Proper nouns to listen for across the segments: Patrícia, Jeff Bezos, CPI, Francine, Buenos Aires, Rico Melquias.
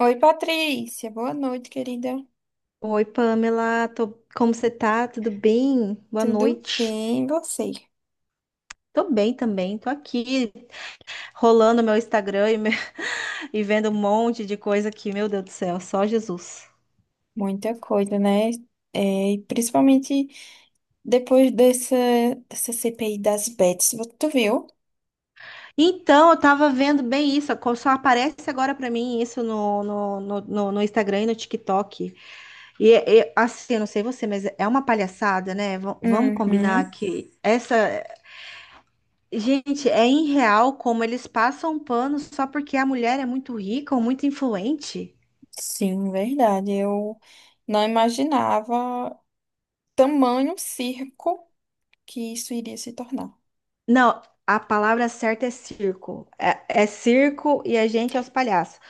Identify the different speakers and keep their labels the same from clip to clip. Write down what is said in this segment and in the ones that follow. Speaker 1: Oi, Patrícia. Boa noite, querida.
Speaker 2: Oi, Pamela, como você tá? Tudo bem? Boa
Speaker 1: Tudo
Speaker 2: noite.
Speaker 1: bem? E você?
Speaker 2: Tô bem também, tô aqui rolando meu Instagram e vendo um monte de coisa aqui, meu Deus do céu, só Jesus.
Speaker 1: Muita coisa, né? É, e principalmente depois dessa, dessa CPI das bets. Tu viu?
Speaker 2: Então, eu tava vendo bem isso, só aparece agora pra mim isso no Instagram e no TikTok. E, assim, eu não sei você, mas é uma palhaçada, né? Vamos combinar
Speaker 1: Uhum.
Speaker 2: que essa. Gente, é irreal como eles passam um pano só porque a mulher é muito rica ou muito influente.
Speaker 1: Sim, verdade. Eu não imaginava tamanho circo que isso iria se tornar.
Speaker 2: Não, a palavra certa é circo. É circo e a gente é os palhaços,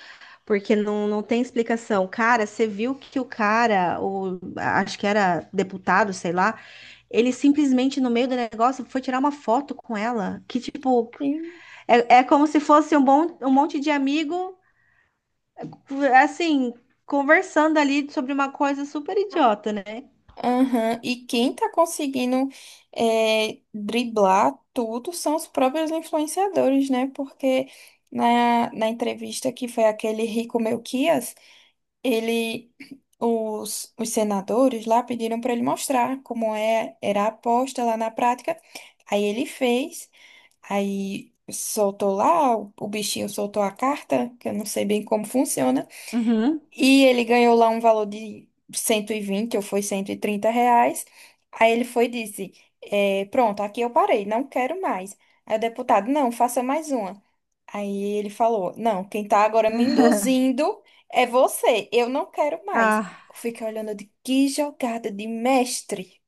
Speaker 2: porque não tem explicação. Cara, você viu que o cara, acho que era deputado, sei lá, ele simplesmente no meio do negócio foi tirar uma foto com ela, que tipo, é como se fosse um, bom, um monte de amigo, assim, conversando ali sobre uma coisa super idiota, né?
Speaker 1: Aham. E quem tá conseguindo driblar tudo são os próprios influenciadores, né? Porque na entrevista que foi aquele Rico Melquias, ele, os senadores lá pediram para ele mostrar como era a aposta lá na prática. Aí ele fez, aí soltou lá, o bichinho soltou a carta, que eu não sei bem como funciona.
Speaker 2: Uhum.
Speaker 1: E ele ganhou lá um valor de 120 ou foi 130 reais. Aí ele foi e disse: Pronto, aqui eu parei, não quero mais. Aí o deputado: Não, faça mais uma. Aí ele falou: Não, quem tá agora me induzindo é você, eu não quero mais.
Speaker 2: Ah,
Speaker 1: Eu fiquei olhando de que jogada de mestre.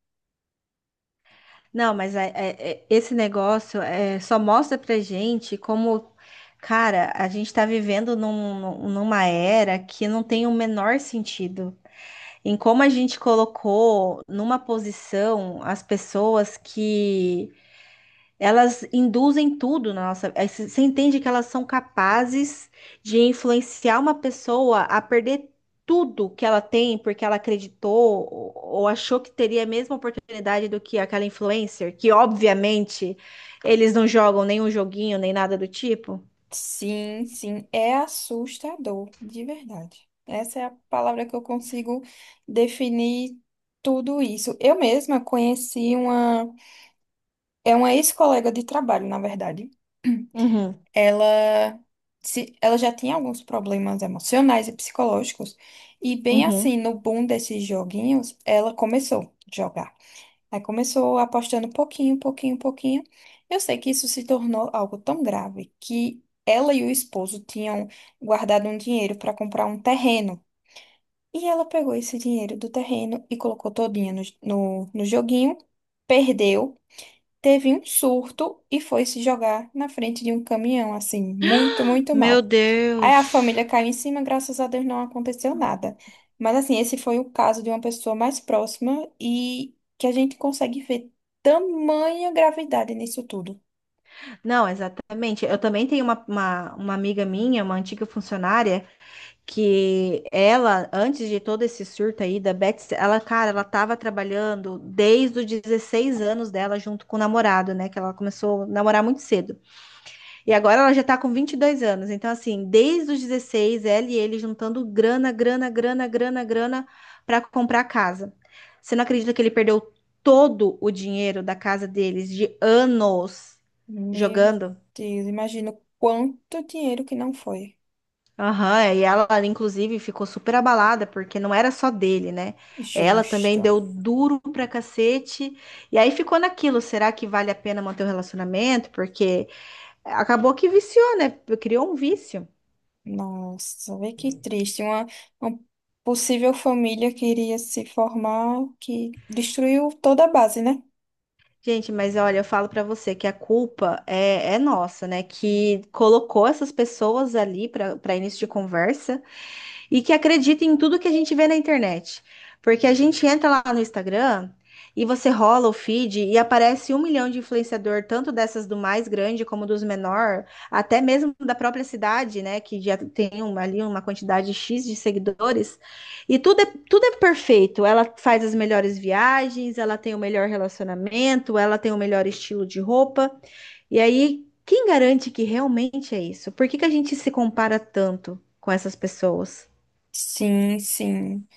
Speaker 2: não, mas esse negócio é, só mostra pra gente como, cara, a gente tá vivendo numa era que não tem o menor sentido. Em como a gente colocou numa posição as pessoas que elas induzem tudo na nossa. Você entende que elas são capazes de influenciar uma pessoa a perder tudo que ela tem porque ela acreditou ou achou que teria a mesma oportunidade do que aquela influencer, que obviamente eles não jogam nenhum joguinho nem nada do tipo.
Speaker 1: Sim, sim, é assustador, de verdade. Essa é a palavra que eu consigo definir tudo isso. Eu mesma conheci uma. É uma ex-colega de trabalho, na verdade.
Speaker 2: Uhum,
Speaker 1: Ela, se, ela já tinha alguns problemas emocionais e psicológicos. E bem assim,
Speaker 2: uhum.
Speaker 1: no boom desses joguinhos, ela começou a jogar. Aí começou apostando pouquinho, pouquinho, pouquinho. Eu sei que isso se tornou algo tão grave que ela e o esposo tinham guardado um dinheiro para comprar um terreno. E ela pegou esse dinheiro do terreno e colocou todinha no joguinho, perdeu, teve um surto e foi se jogar na frente de um caminhão, assim, muito, muito
Speaker 2: Meu
Speaker 1: mal. Aí a
Speaker 2: Deus.
Speaker 1: família caiu em cima, graças a Deus não aconteceu nada. Mas assim, esse foi o caso de uma pessoa mais próxima e que a gente consegue ver tamanha gravidade nisso tudo.
Speaker 2: Não, exatamente. Eu também tenho uma amiga minha, uma antiga funcionária, que ela, antes de todo esse surto aí da Betsy, ela, cara, ela tava trabalhando desde os 16 anos dela junto com o namorado, né? Que ela começou a namorar muito cedo. E agora ela já tá com 22 anos. Então, assim, desde os 16 ela e ele juntando grana, grana, grana, grana, grana pra comprar casa. Você não acredita que ele perdeu todo o dinheiro da casa deles de anos
Speaker 1: Meu
Speaker 2: jogando?
Speaker 1: Deus, imagino quanto dinheiro que não foi.
Speaker 2: Aham, é, e ela, inclusive, ficou super abalada, porque não era só dele, né? Ela também
Speaker 1: Justo.
Speaker 2: deu duro pra cacete. E aí ficou naquilo: será que vale a pena manter o relacionamento? Porque acabou que viciou, né? Criou um vício.
Speaker 1: Nossa, vê que triste. Uma possível família que iria se formar, que destruiu toda a base, né?
Speaker 2: Gente, mas olha, eu falo pra você que a culpa é nossa, né? Que colocou essas pessoas ali pra para início de conversa. E que acreditem em tudo que a gente vê na internet. Porque a gente entra lá no Instagram e você rola o feed e aparece 1 milhão de influenciador, tanto dessas do mais grande como dos menor, até mesmo da própria cidade, né? Que já tem ali uma quantidade X de seguidores. E tudo é perfeito. Ela faz as melhores viagens, ela tem o melhor relacionamento, ela tem o melhor estilo de roupa. E aí, quem garante que realmente é isso? Por que que a gente se compara tanto com essas pessoas?
Speaker 1: Sim, sim.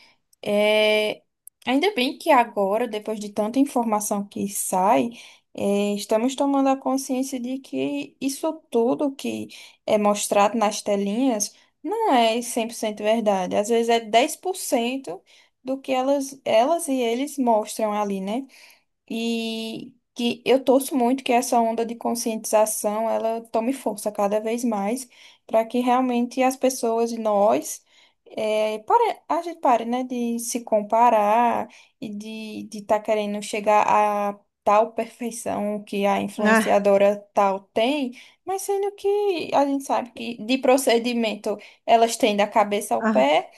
Speaker 1: É, ainda bem que agora, depois de tanta informação que sai, estamos tomando a consciência de que isso tudo que é mostrado nas telinhas não é 100% verdade. Às vezes é 10% do que elas e eles mostram ali, né? E que eu torço muito que essa onda de conscientização ela tome força cada vez mais para que realmente as pessoas e nós pare, a gente pare, né, de se comparar e de estar querendo chegar a tal perfeição que a
Speaker 2: Ah,
Speaker 1: influenciadora tal tem, mas sendo que a gente sabe que de procedimento elas têm da cabeça ao
Speaker 2: ah,
Speaker 1: pé,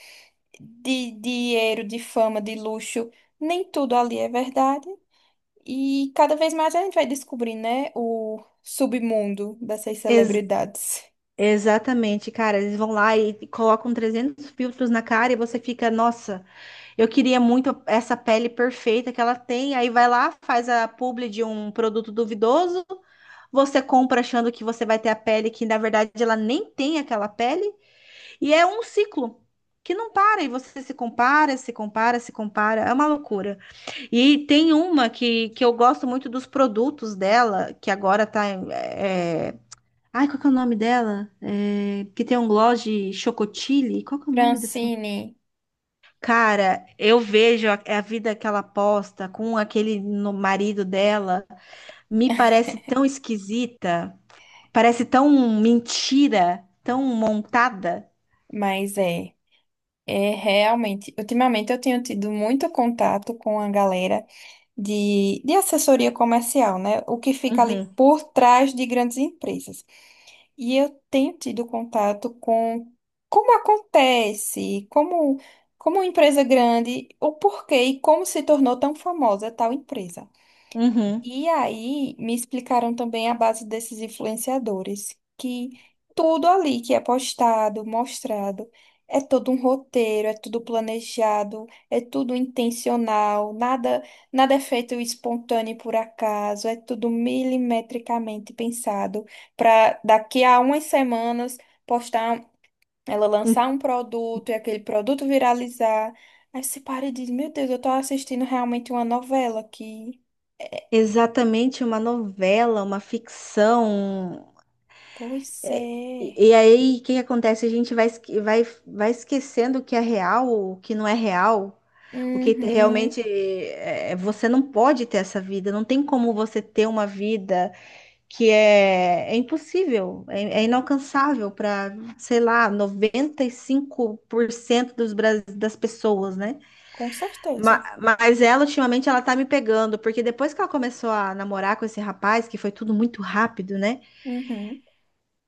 Speaker 1: de dinheiro, de fama, de luxo, nem tudo ali é verdade. E cada vez mais a gente vai descobrir, né, o submundo dessas
Speaker 2: ex-
Speaker 1: celebridades.
Speaker 2: exatamente, cara. Eles vão lá e colocam 300 filtros na cara e você fica, nossa, eu queria muito essa pele perfeita que ela tem. Aí vai lá, faz a publi de um produto duvidoso. Você compra achando que você vai ter a pele que na verdade ela nem tem aquela pele. E é um ciclo que não para. E você se compara, se compara, se compara. É uma loucura. E tem uma que eu gosto muito dos produtos dela, que agora tá. Ai, qual que é o nome dela? É, que tem um gloss de chocotile. Qual que é o nome dessa?
Speaker 1: Francine,
Speaker 2: Cara, eu vejo é a vida que ela posta com aquele no marido dela. Me parece tão esquisita. Parece tão mentira, tão montada.
Speaker 1: mas é, é realmente. Ultimamente eu tenho tido muito contato com a galera de assessoria comercial, né? O que fica ali
Speaker 2: Uhum,
Speaker 1: por trás de grandes empresas. E eu tenho tido contato com como acontece, como, como uma empresa grande, o porquê e como se tornou tão famosa tal empresa.
Speaker 2: uhum.
Speaker 1: E aí me explicaram também a base desses influenciadores, que tudo ali que é postado, mostrado, é todo um roteiro, é tudo planejado, é tudo intencional, nada, nada é feito espontâneo por acaso, é tudo milimetricamente pensado para daqui a umas semanas postar, ela lançar um produto e aquele produto viralizar. Aí você para e diz, meu Deus, eu tô assistindo realmente uma novela que...
Speaker 2: Exatamente uma novela, uma ficção.
Speaker 1: Pois
Speaker 2: É,
Speaker 1: é.
Speaker 2: e, aí, o que que acontece? A gente vai esquecendo o que é real, o que não é real. O que
Speaker 1: Uhum.
Speaker 2: realmente é, você não pode ter essa vida, não tem como você ter uma vida que é impossível, é inalcançável para, sei lá, 95% dos, das pessoas, né?
Speaker 1: Com certeza.
Speaker 2: Mas, ela, ultimamente, ela tá me pegando, porque depois que ela começou a namorar com esse rapaz, que foi tudo muito rápido, né?
Speaker 1: Uhum.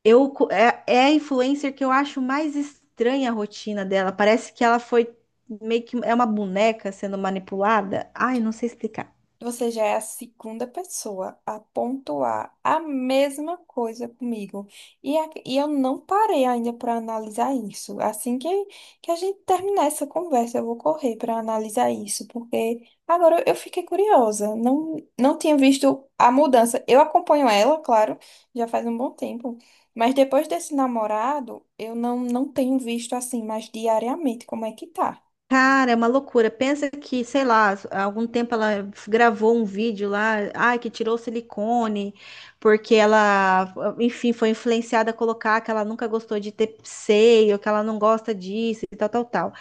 Speaker 2: É a influencer que eu acho mais estranha a rotina dela. Parece que ela foi meio que é uma boneca sendo manipulada. Ai, não sei explicar.
Speaker 1: Você já é a segunda pessoa a pontuar a mesma coisa comigo. E, e eu não parei ainda para analisar isso. Assim que a gente terminar essa conversa, eu vou correr para analisar isso, porque agora eu fiquei curiosa. Não, não tinha visto a mudança. Eu acompanho ela, claro, já faz um bom tempo. Mas depois desse namorado, eu não, não tenho visto assim mais diariamente como é que tá.
Speaker 2: Cara, é uma loucura. Pensa que, sei lá, há algum tempo ela gravou um vídeo lá, ai, que tirou silicone, porque ela, enfim, foi influenciada a colocar que ela nunca gostou de ter seio, que ela não gosta disso e tal, tal, tal.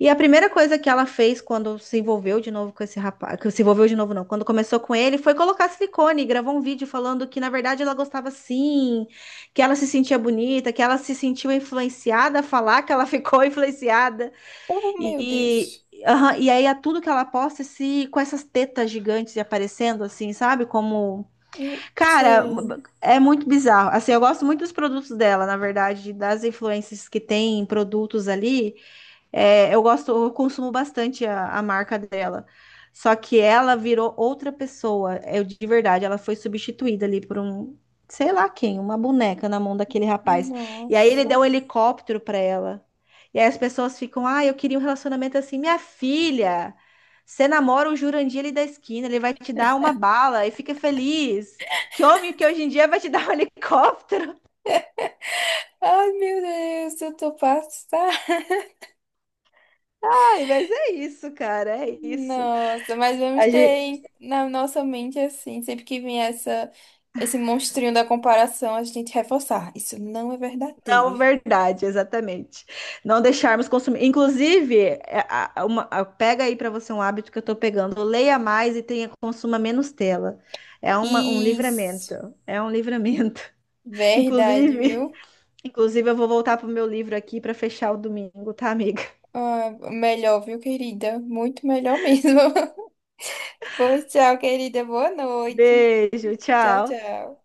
Speaker 2: E a primeira coisa que ela fez quando se envolveu de novo com esse rapaz, que se envolveu de novo não, quando começou com ele, foi colocar silicone, e gravou um vídeo falando que na verdade ela gostava sim, que ela se sentia bonita, que ela se sentiu influenciada a falar que ela ficou influenciada
Speaker 1: Oh, meu
Speaker 2: e
Speaker 1: Deus.
Speaker 2: e, aham, aí a tudo que ela posta se com essas tetas gigantes e aparecendo assim, sabe? Como
Speaker 1: Eu
Speaker 2: cara,
Speaker 1: sei.
Speaker 2: é muito bizarro. Assim, eu gosto muito dos produtos dela, na verdade, das influências que tem em produtos ali. É, eu gosto, eu consumo bastante a marca dela. Só que ela virou outra pessoa. Eu de verdade, ela foi substituída ali por um, sei lá quem, uma boneca na mão daquele rapaz. E aí ele
Speaker 1: Nossa.
Speaker 2: deu um helicóptero pra ela. E aí as pessoas ficam, ah, eu queria um relacionamento assim, minha filha. Você namora o Jurandir ali da esquina, ele vai te dar uma bala e fica feliz. Que homem que hoje em dia vai te dar um helicóptero?
Speaker 1: Ai, meu Deus, eu tô passada.
Speaker 2: Ai, mas é isso, cara, é isso.
Speaker 1: Nossa, mas vamos
Speaker 2: A
Speaker 1: ter
Speaker 2: gen-
Speaker 1: na nossa mente assim, sempre que vier essa, esse monstrinho da comparação, a gente reforçar. Isso não é
Speaker 2: Não,
Speaker 1: verdadeiro.
Speaker 2: verdade, exatamente. Não deixarmos consumir. Inclusive, pega aí para você um hábito que eu tô pegando. Leia mais e tenha consuma menos tela. É um livramento.
Speaker 1: Isso,
Speaker 2: É um livramento.
Speaker 1: verdade,
Speaker 2: Inclusive,
Speaker 1: viu?
Speaker 2: inclusive, eu vou voltar pro meu livro aqui para fechar o domingo, tá, amiga?
Speaker 1: Ah, melhor, viu, querida? Muito melhor mesmo. Pois tchau, querida. Boa noite.
Speaker 2: Beijo,
Speaker 1: Tchau,
Speaker 2: tchau.
Speaker 1: tchau.